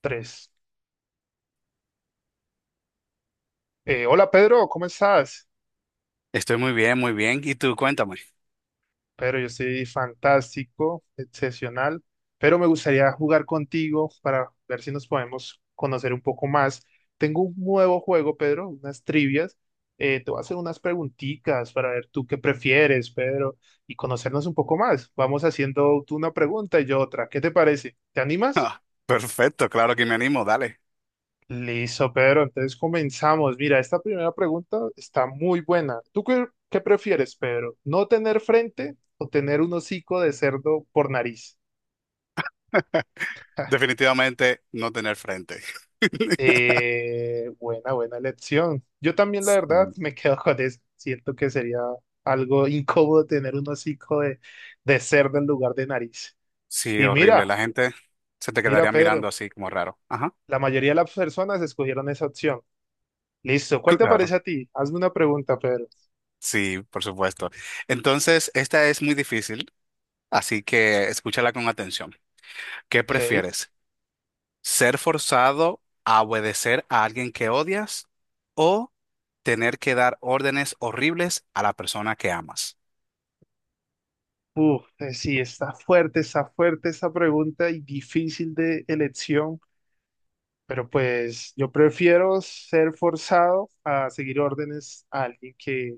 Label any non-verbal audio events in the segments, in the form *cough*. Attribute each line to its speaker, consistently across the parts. Speaker 1: Tres. Hola Pedro, ¿cómo estás?
Speaker 2: Estoy muy bien, muy bien. ¿Y tú, cuéntame? *laughs*
Speaker 1: Pedro, yo estoy fantástico, excepcional, pero me gustaría jugar contigo para ver si nos podemos conocer un poco más. Tengo un nuevo juego, Pedro, unas trivias. Te voy a hacer unas preguntitas para ver tú qué prefieres, Pedro, y conocernos un poco más. Vamos haciendo tú una pregunta y yo otra. ¿Qué te parece? ¿Te animas?
Speaker 2: Ah, perfecto, claro que me animo, dale.
Speaker 1: Listo, Pedro. Entonces comenzamos. Mira, esta primera pregunta está muy buena. ¿Tú qué prefieres, Pedro? ¿No tener frente o tener un hocico de cerdo por nariz? *laughs*
Speaker 2: Definitivamente no tener frente. *laughs*
Speaker 1: Buena, buena elección. Yo también, la verdad,
Speaker 2: Mm.
Speaker 1: me quedo con eso. Siento que sería algo incómodo tener un hocico de cerdo en lugar de nariz.
Speaker 2: Sí,
Speaker 1: Y
Speaker 2: horrible.
Speaker 1: mira,
Speaker 2: La gente se te
Speaker 1: mira,
Speaker 2: quedaría mirando
Speaker 1: Pedro,
Speaker 2: así como raro. Ajá,
Speaker 1: la mayoría de las personas escogieron esa opción. Listo, ¿cuál te
Speaker 2: claro.
Speaker 1: parece a ti? Hazme una pregunta, Pedro.
Speaker 2: Sí, por supuesto. Entonces, esta es muy difícil, así que escúchala con atención. ¿Qué
Speaker 1: Ok.
Speaker 2: prefieres? ¿Ser forzado a obedecer a alguien que odias o tener que dar órdenes horribles a la persona que amas?
Speaker 1: Uf, sí, está fuerte esa pregunta y difícil de elección, pero pues yo prefiero ser forzado a seguir órdenes a alguien que,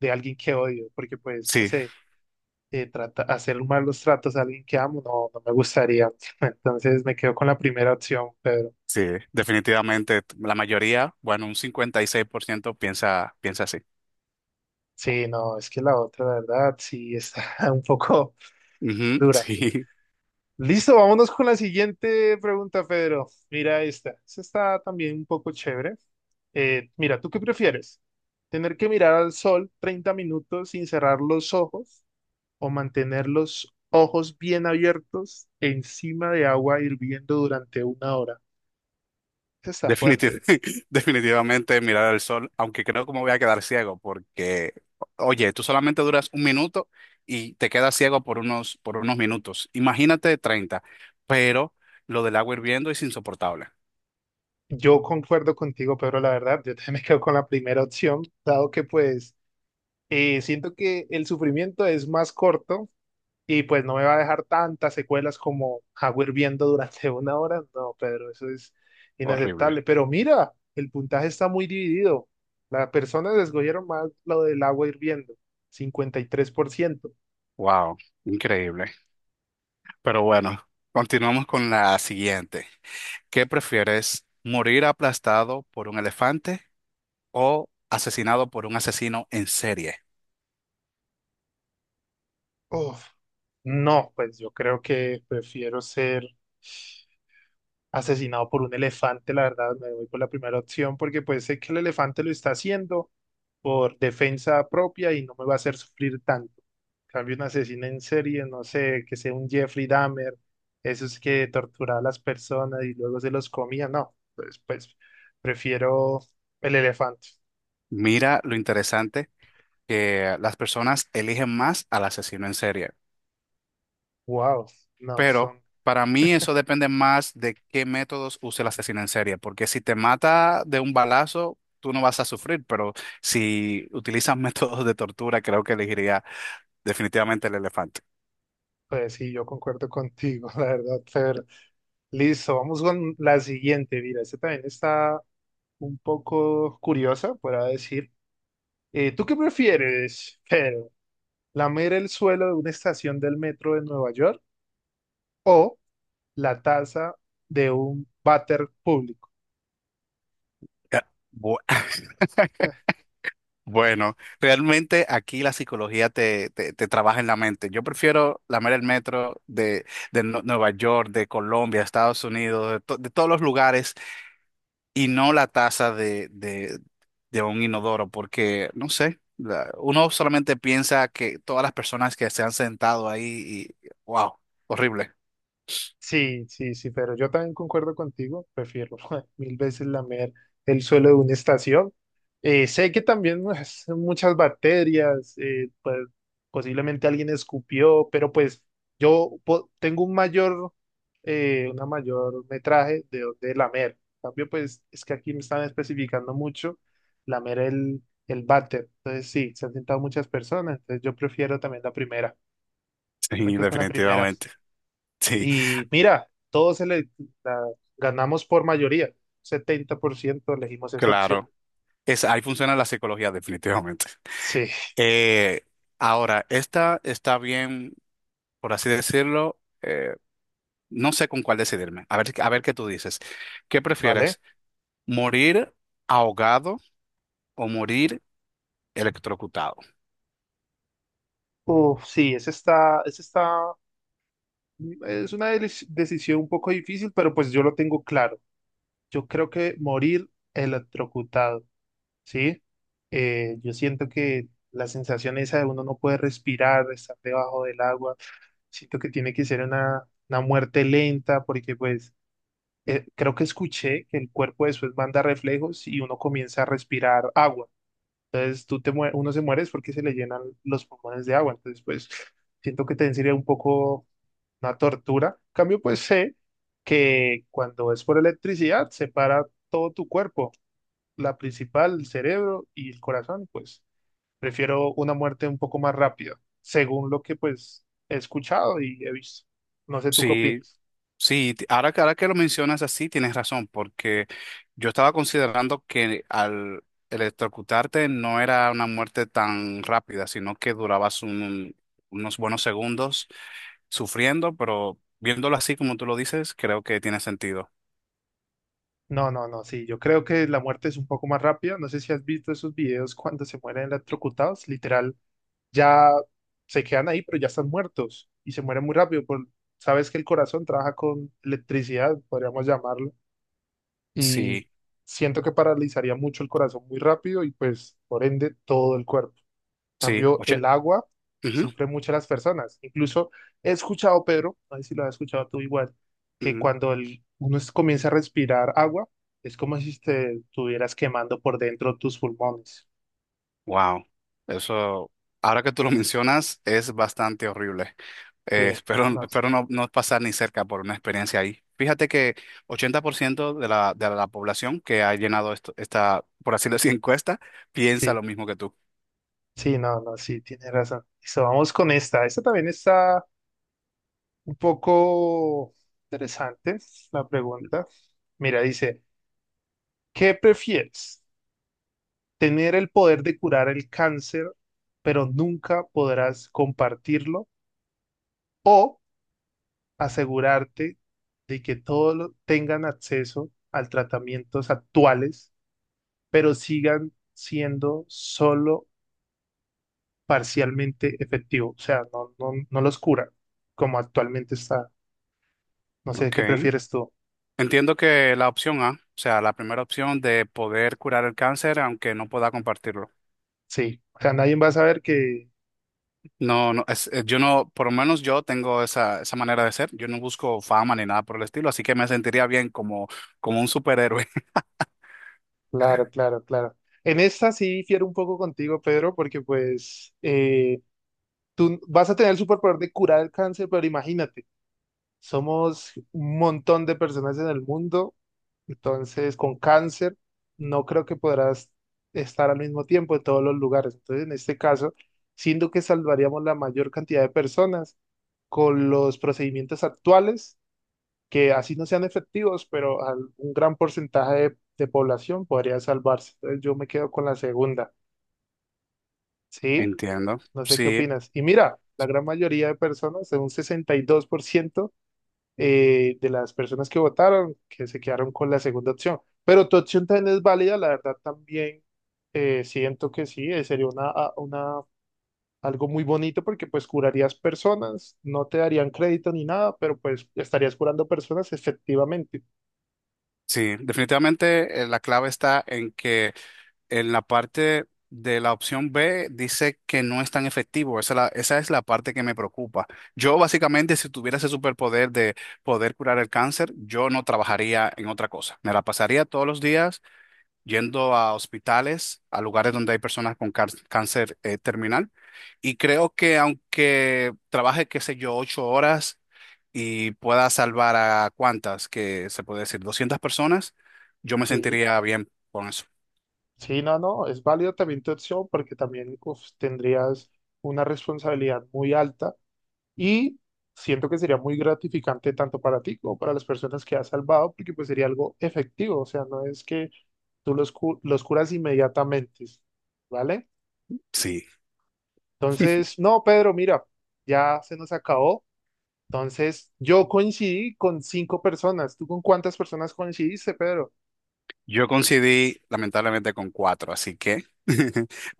Speaker 1: de alguien que odio, porque pues, no
Speaker 2: Sí.
Speaker 1: sé, trata, hacer malos tratos a alguien que amo, no, no me gustaría. *laughs* Entonces me quedo con la primera opción, pero
Speaker 2: Sí, definitivamente la mayoría, bueno, un 56% piensa así.
Speaker 1: sí, no, es que la otra, la verdad, sí está *laughs* un poco
Speaker 2: Ujú,
Speaker 1: dura.
Speaker 2: sí,
Speaker 1: Listo, vámonos con la siguiente pregunta, Pedro. Mira esta. Esta está también un poco chévere. Mira, ¿tú qué prefieres? ¿Tener que mirar al sol 30 minutos sin cerrar los ojos o mantener los ojos bien abiertos encima de agua hirviendo durante una hora? Esta
Speaker 2: *laughs*
Speaker 1: está fuerte.
Speaker 2: definitiv- *laughs* definitivamente mirar al sol, aunque creo que me voy a quedar ciego porque, oye, tú solamente duras un minuto y te quedas ciego por unos minutos. Imagínate 30. Pero lo del agua hirviendo es insoportable.
Speaker 1: Yo concuerdo contigo, Pedro, la verdad. Yo también *laughs* me quedo con la primera opción, dado que pues siento que el sufrimiento es más corto. Y pues no me va a dejar tantas secuelas como agua hirviendo durante *laughs* una hora. No, Pedro, eso es
Speaker 2: Horrible.
Speaker 1: inaceptable. Pero mira, el puntaje está muy dividido. Las personas escogieron más lo del agua hirviendo, 53%.
Speaker 2: Wow, increíble. Pero bueno, continuamos con la siguiente. ¿Qué prefieres? ¿Morir aplastado por un elefante? O asesinado por un asesino en serie?
Speaker 1: Uf, no, pues yo creo que prefiero ser asesinado por un elefante, la verdad, me voy por la primera opción porque pues sé que el elefante lo está haciendo por defensa propia y no me va a hacer sufrir tanto. En cambio, un asesino en serie, no sé, que sea un Jeffrey Dahmer, esos que torturaba a las personas y luego se los comía, no, pues, pues prefiero el elefante.
Speaker 2: Mira lo interesante que las personas eligen más al asesino en serie,
Speaker 1: Wow, no,
Speaker 2: pero
Speaker 1: son,
Speaker 2: para mí eso depende más de qué métodos use el asesino en serie, porque si te mata de un balazo, tú no vas a sufrir, pero si utilizas *laughs* métodos de tortura, creo que elegiría definitivamente el elefante.
Speaker 1: pues sí, yo concuerdo contigo, *laughs* la verdad, Fer. Listo, vamos con la siguiente, mira, esta también está un poco curiosa, por decir. ¿Tú qué prefieres, Pedro? ¿Lamer el suelo de una estación del metro de Nueva York o la taza de un váter público?
Speaker 2: Ya, bu- *laughs* bueno, realmente aquí la psicología te trabaja en la mente. Yo prefiero lamer el metro de Nueva York, de Colombia, Estados Unidos, de de todos los lugares y no la taza de un inodoro, porque no sé, uno solamente piensa que todas las personas que se han sentado ahí y wow, horrible.
Speaker 1: Sí, sí, sí, pero yo también concuerdo contigo, prefiero *laughs* mil veces lamer el suelo de una estación. Sé que también pues, muchas bacterias, pues posiblemente alguien escupió, pero pues tengo un mayor, una mayor metraje de lamer. En cambio, pues es que aquí me están especificando mucho lamer el váter. Entonces sí, se han sentado muchas personas, entonces yo prefiero también la primera. Yo me
Speaker 2: Sí,
Speaker 1: quedo con la primera.
Speaker 2: definitivamente. Sí,
Speaker 1: Y mira, todos se le, la- ganamos por mayoría. 70% elegimos esa opción.
Speaker 2: claro. Ahí funciona la psicología, definitivamente.
Speaker 1: Sí,
Speaker 2: Eh, Ahora, esta está bien, por así decirlo, no sé con cuál decidirme. A ver qué tú dices. ¿Qué
Speaker 1: ¿vale?
Speaker 2: prefieres? ¿Morir ahogado o morir electrocutado?
Speaker 1: Uf, sí, esa está, es una decisión un poco difícil, pero pues yo lo tengo claro. Yo creo que morir electrocutado, ¿sí? Yo siento que la sensación esa de uno no puede respirar, estar debajo del agua, siento que tiene que ser una muerte lenta, porque pues creo que escuché que el cuerpo después manda reflejos y uno comienza a respirar agua. Entonces uno se muere es porque se le llenan los pulmones de agua. Entonces, pues siento que también sería un poco una tortura. En cambio, pues sé que cuando es por electricidad se para todo tu cuerpo, la principal, el cerebro y el corazón. Pues prefiero una muerte un poco más rápida, según lo que pues he escuchado y he visto. No sé, ¿tú qué
Speaker 2: Sí,
Speaker 1: opinas?
Speaker 2: sí, ahora, ahora que lo mencionas así, tienes razón, porque yo estaba considerando que al electrocutarte no era una muerte tan rápida, sino que durabas unos buenos segundos sufriendo, pero viéndolo así como tú lo dices, creo que tiene sentido.
Speaker 1: No, no, no, sí, yo creo que la muerte es un poco más rápida. No sé si has visto esos videos cuando se mueren electrocutados, literal, ya se quedan ahí, pero ya están muertos y se mueren muy rápido. Por, sabes que el corazón trabaja con electricidad, podríamos llamarlo, y
Speaker 2: Sí,
Speaker 1: siento que paralizaría mucho el corazón muy rápido y pues por ende todo el cuerpo.
Speaker 2: sí,
Speaker 1: Cambio,
Speaker 2: oye.
Speaker 1: el agua
Speaker 2: Ujú,
Speaker 1: sufre mucho a las personas. Incluso he escuchado, Pedro, no sé si lo has escuchado tú igual, que
Speaker 2: ujú.
Speaker 1: cuando uno comienza a respirar agua, es como si te estuvieras quemando por dentro tus pulmones.
Speaker 2: Wow, eso, ahora que tú lo *laughs* mencionas, es bastante horrible.
Speaker 1: Sí,
Speaker 2: Espero, *laughs*
Speaker 1: no,
Speaker 2: espero no, no pasar ni cerca por una experiencia ahí. Fíjate que 80% de la población que ha llenado esta, por así decir, *laughs* encuesta, piensa
Speaker 1: sí,
Speaker 2: lo mismo que tú.
Speaker 1: sí, no, no, sí, tienes razón. Listo, vamos con esta. Esta también está un poco interesante, la pregunta. Mira, dice, ¿qué prefieres? Tener el poder de curar el cáncer, pero nunca podrás compartirlo o asegurarte de que todos tengan acceso al tratamientos actuales, pero sigan siendo solo parcialmente efectivos, o sea, no los cura como actualmente está. No sé qué
Speaker 2: Okay,
Speaker 1: prefieres tú.
Speaker 2: entiendo que la opción A, o sea, la primera opción de poder curar el cáncer, aunque no pueda compartirlo.
Speaker 1: Sí, o sea, nadie va a saber que...
Speaker 2: No, no, yo no, por lo menos yo tengo esa manera de ser. Yo no busco fama ni nada por el estilo, así que me sentiría bien como un superhéroe.
Speaker 1: Claro, claro, claro. En esta sí difiero un poco contigo, Pedro, porque pues... tú vas a tener el superpoder de curar el cáncer, pero imagínate, somos un montón de personas en el mundo, entonces con cáncer no creo que podrás estar al mismo tiempo en todos los lugares. Entonces, en este caso, siendo que salvaríamos la mayor cantidad de personas con los procedimientos actuales, que así no sean efectivos, pero un gran porcentaje de población podría salvarse. Entonces, yo me quedo con la segunda,
Speaker 2: *laughs*
Speaker 1: ¿sí?
Speaker 2: Entiendo.
Speaker 1: No sé qué
Speaker 2: Sí,
Speaker 1: opinas. Y mira, la gran mayoría de personas, un 62% de las personas que votaron, que se quedaron con la segunda opción. Pero tu opción también es válida, la verdad también siento que sí, sería una, algo muy bonito porque pues curarías personas, no te darían crédito ni nada, pero pues estarías curando personas efectivamente.
Speaker 2: sí. Definitivamente la clave está en que en la parte de la opción B dice que no es tan efectivo. Esa es la parte que me preocupa. Yo básicamente, si tuviera ese superpoder de poder curar el cáncer, yo no trabajaría en otra cosa. Me la pasaría todos los días yendo a hospitales, a lugares donde hay personas con cáncer terminal. Y creo que aunque trabaje, qué sé yo, 8 horas y pueda salvar a cuántas, que se puede decir, 200 personas, yo me
Speaker 1: Sí,
Speaker 2: sentiría bien con eso.
Speaker 1: sí, no, no, es válido también tu opción porque también uf, tendrías una responsabilidad muy alta. Y siento que sería muy gratificante tanto para ti como para las personas que has salvado, porque pues sería algo efectivo, o sea, no es que tú los curas inmediatamente, ¿vale?
Speaker 2: Sí,
Speaker 1: Entonces, no, Pedro, mira, ya se nos acabó. Entonces, yo coincidí con cinco personas. ¿Tú con cuántas personas coincidiste, Pedro?
Speaker 2: yo coincidí lamentablemente con cuatro, así que *laughs*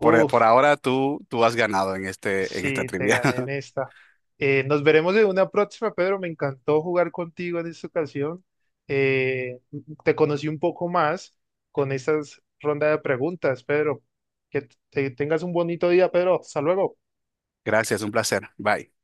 Speaker 2: por ahora tú has ganado en esta
Speaker 1: Sí, te
Speaker 2: trivia.
Speaker 1: gané en
Speaker 2: *laughs*
Speaker 1: esta. Nos veremos en una próxima, Pedro. Me encantó jugar contigo en esta ocasión. Eh, Te conocí un poco más con estas ronda de preguntas, Pedro. Que tengas un bonito día, Pedro. Hasta luego.
Speaker 2: Gracias, un placer. Bye.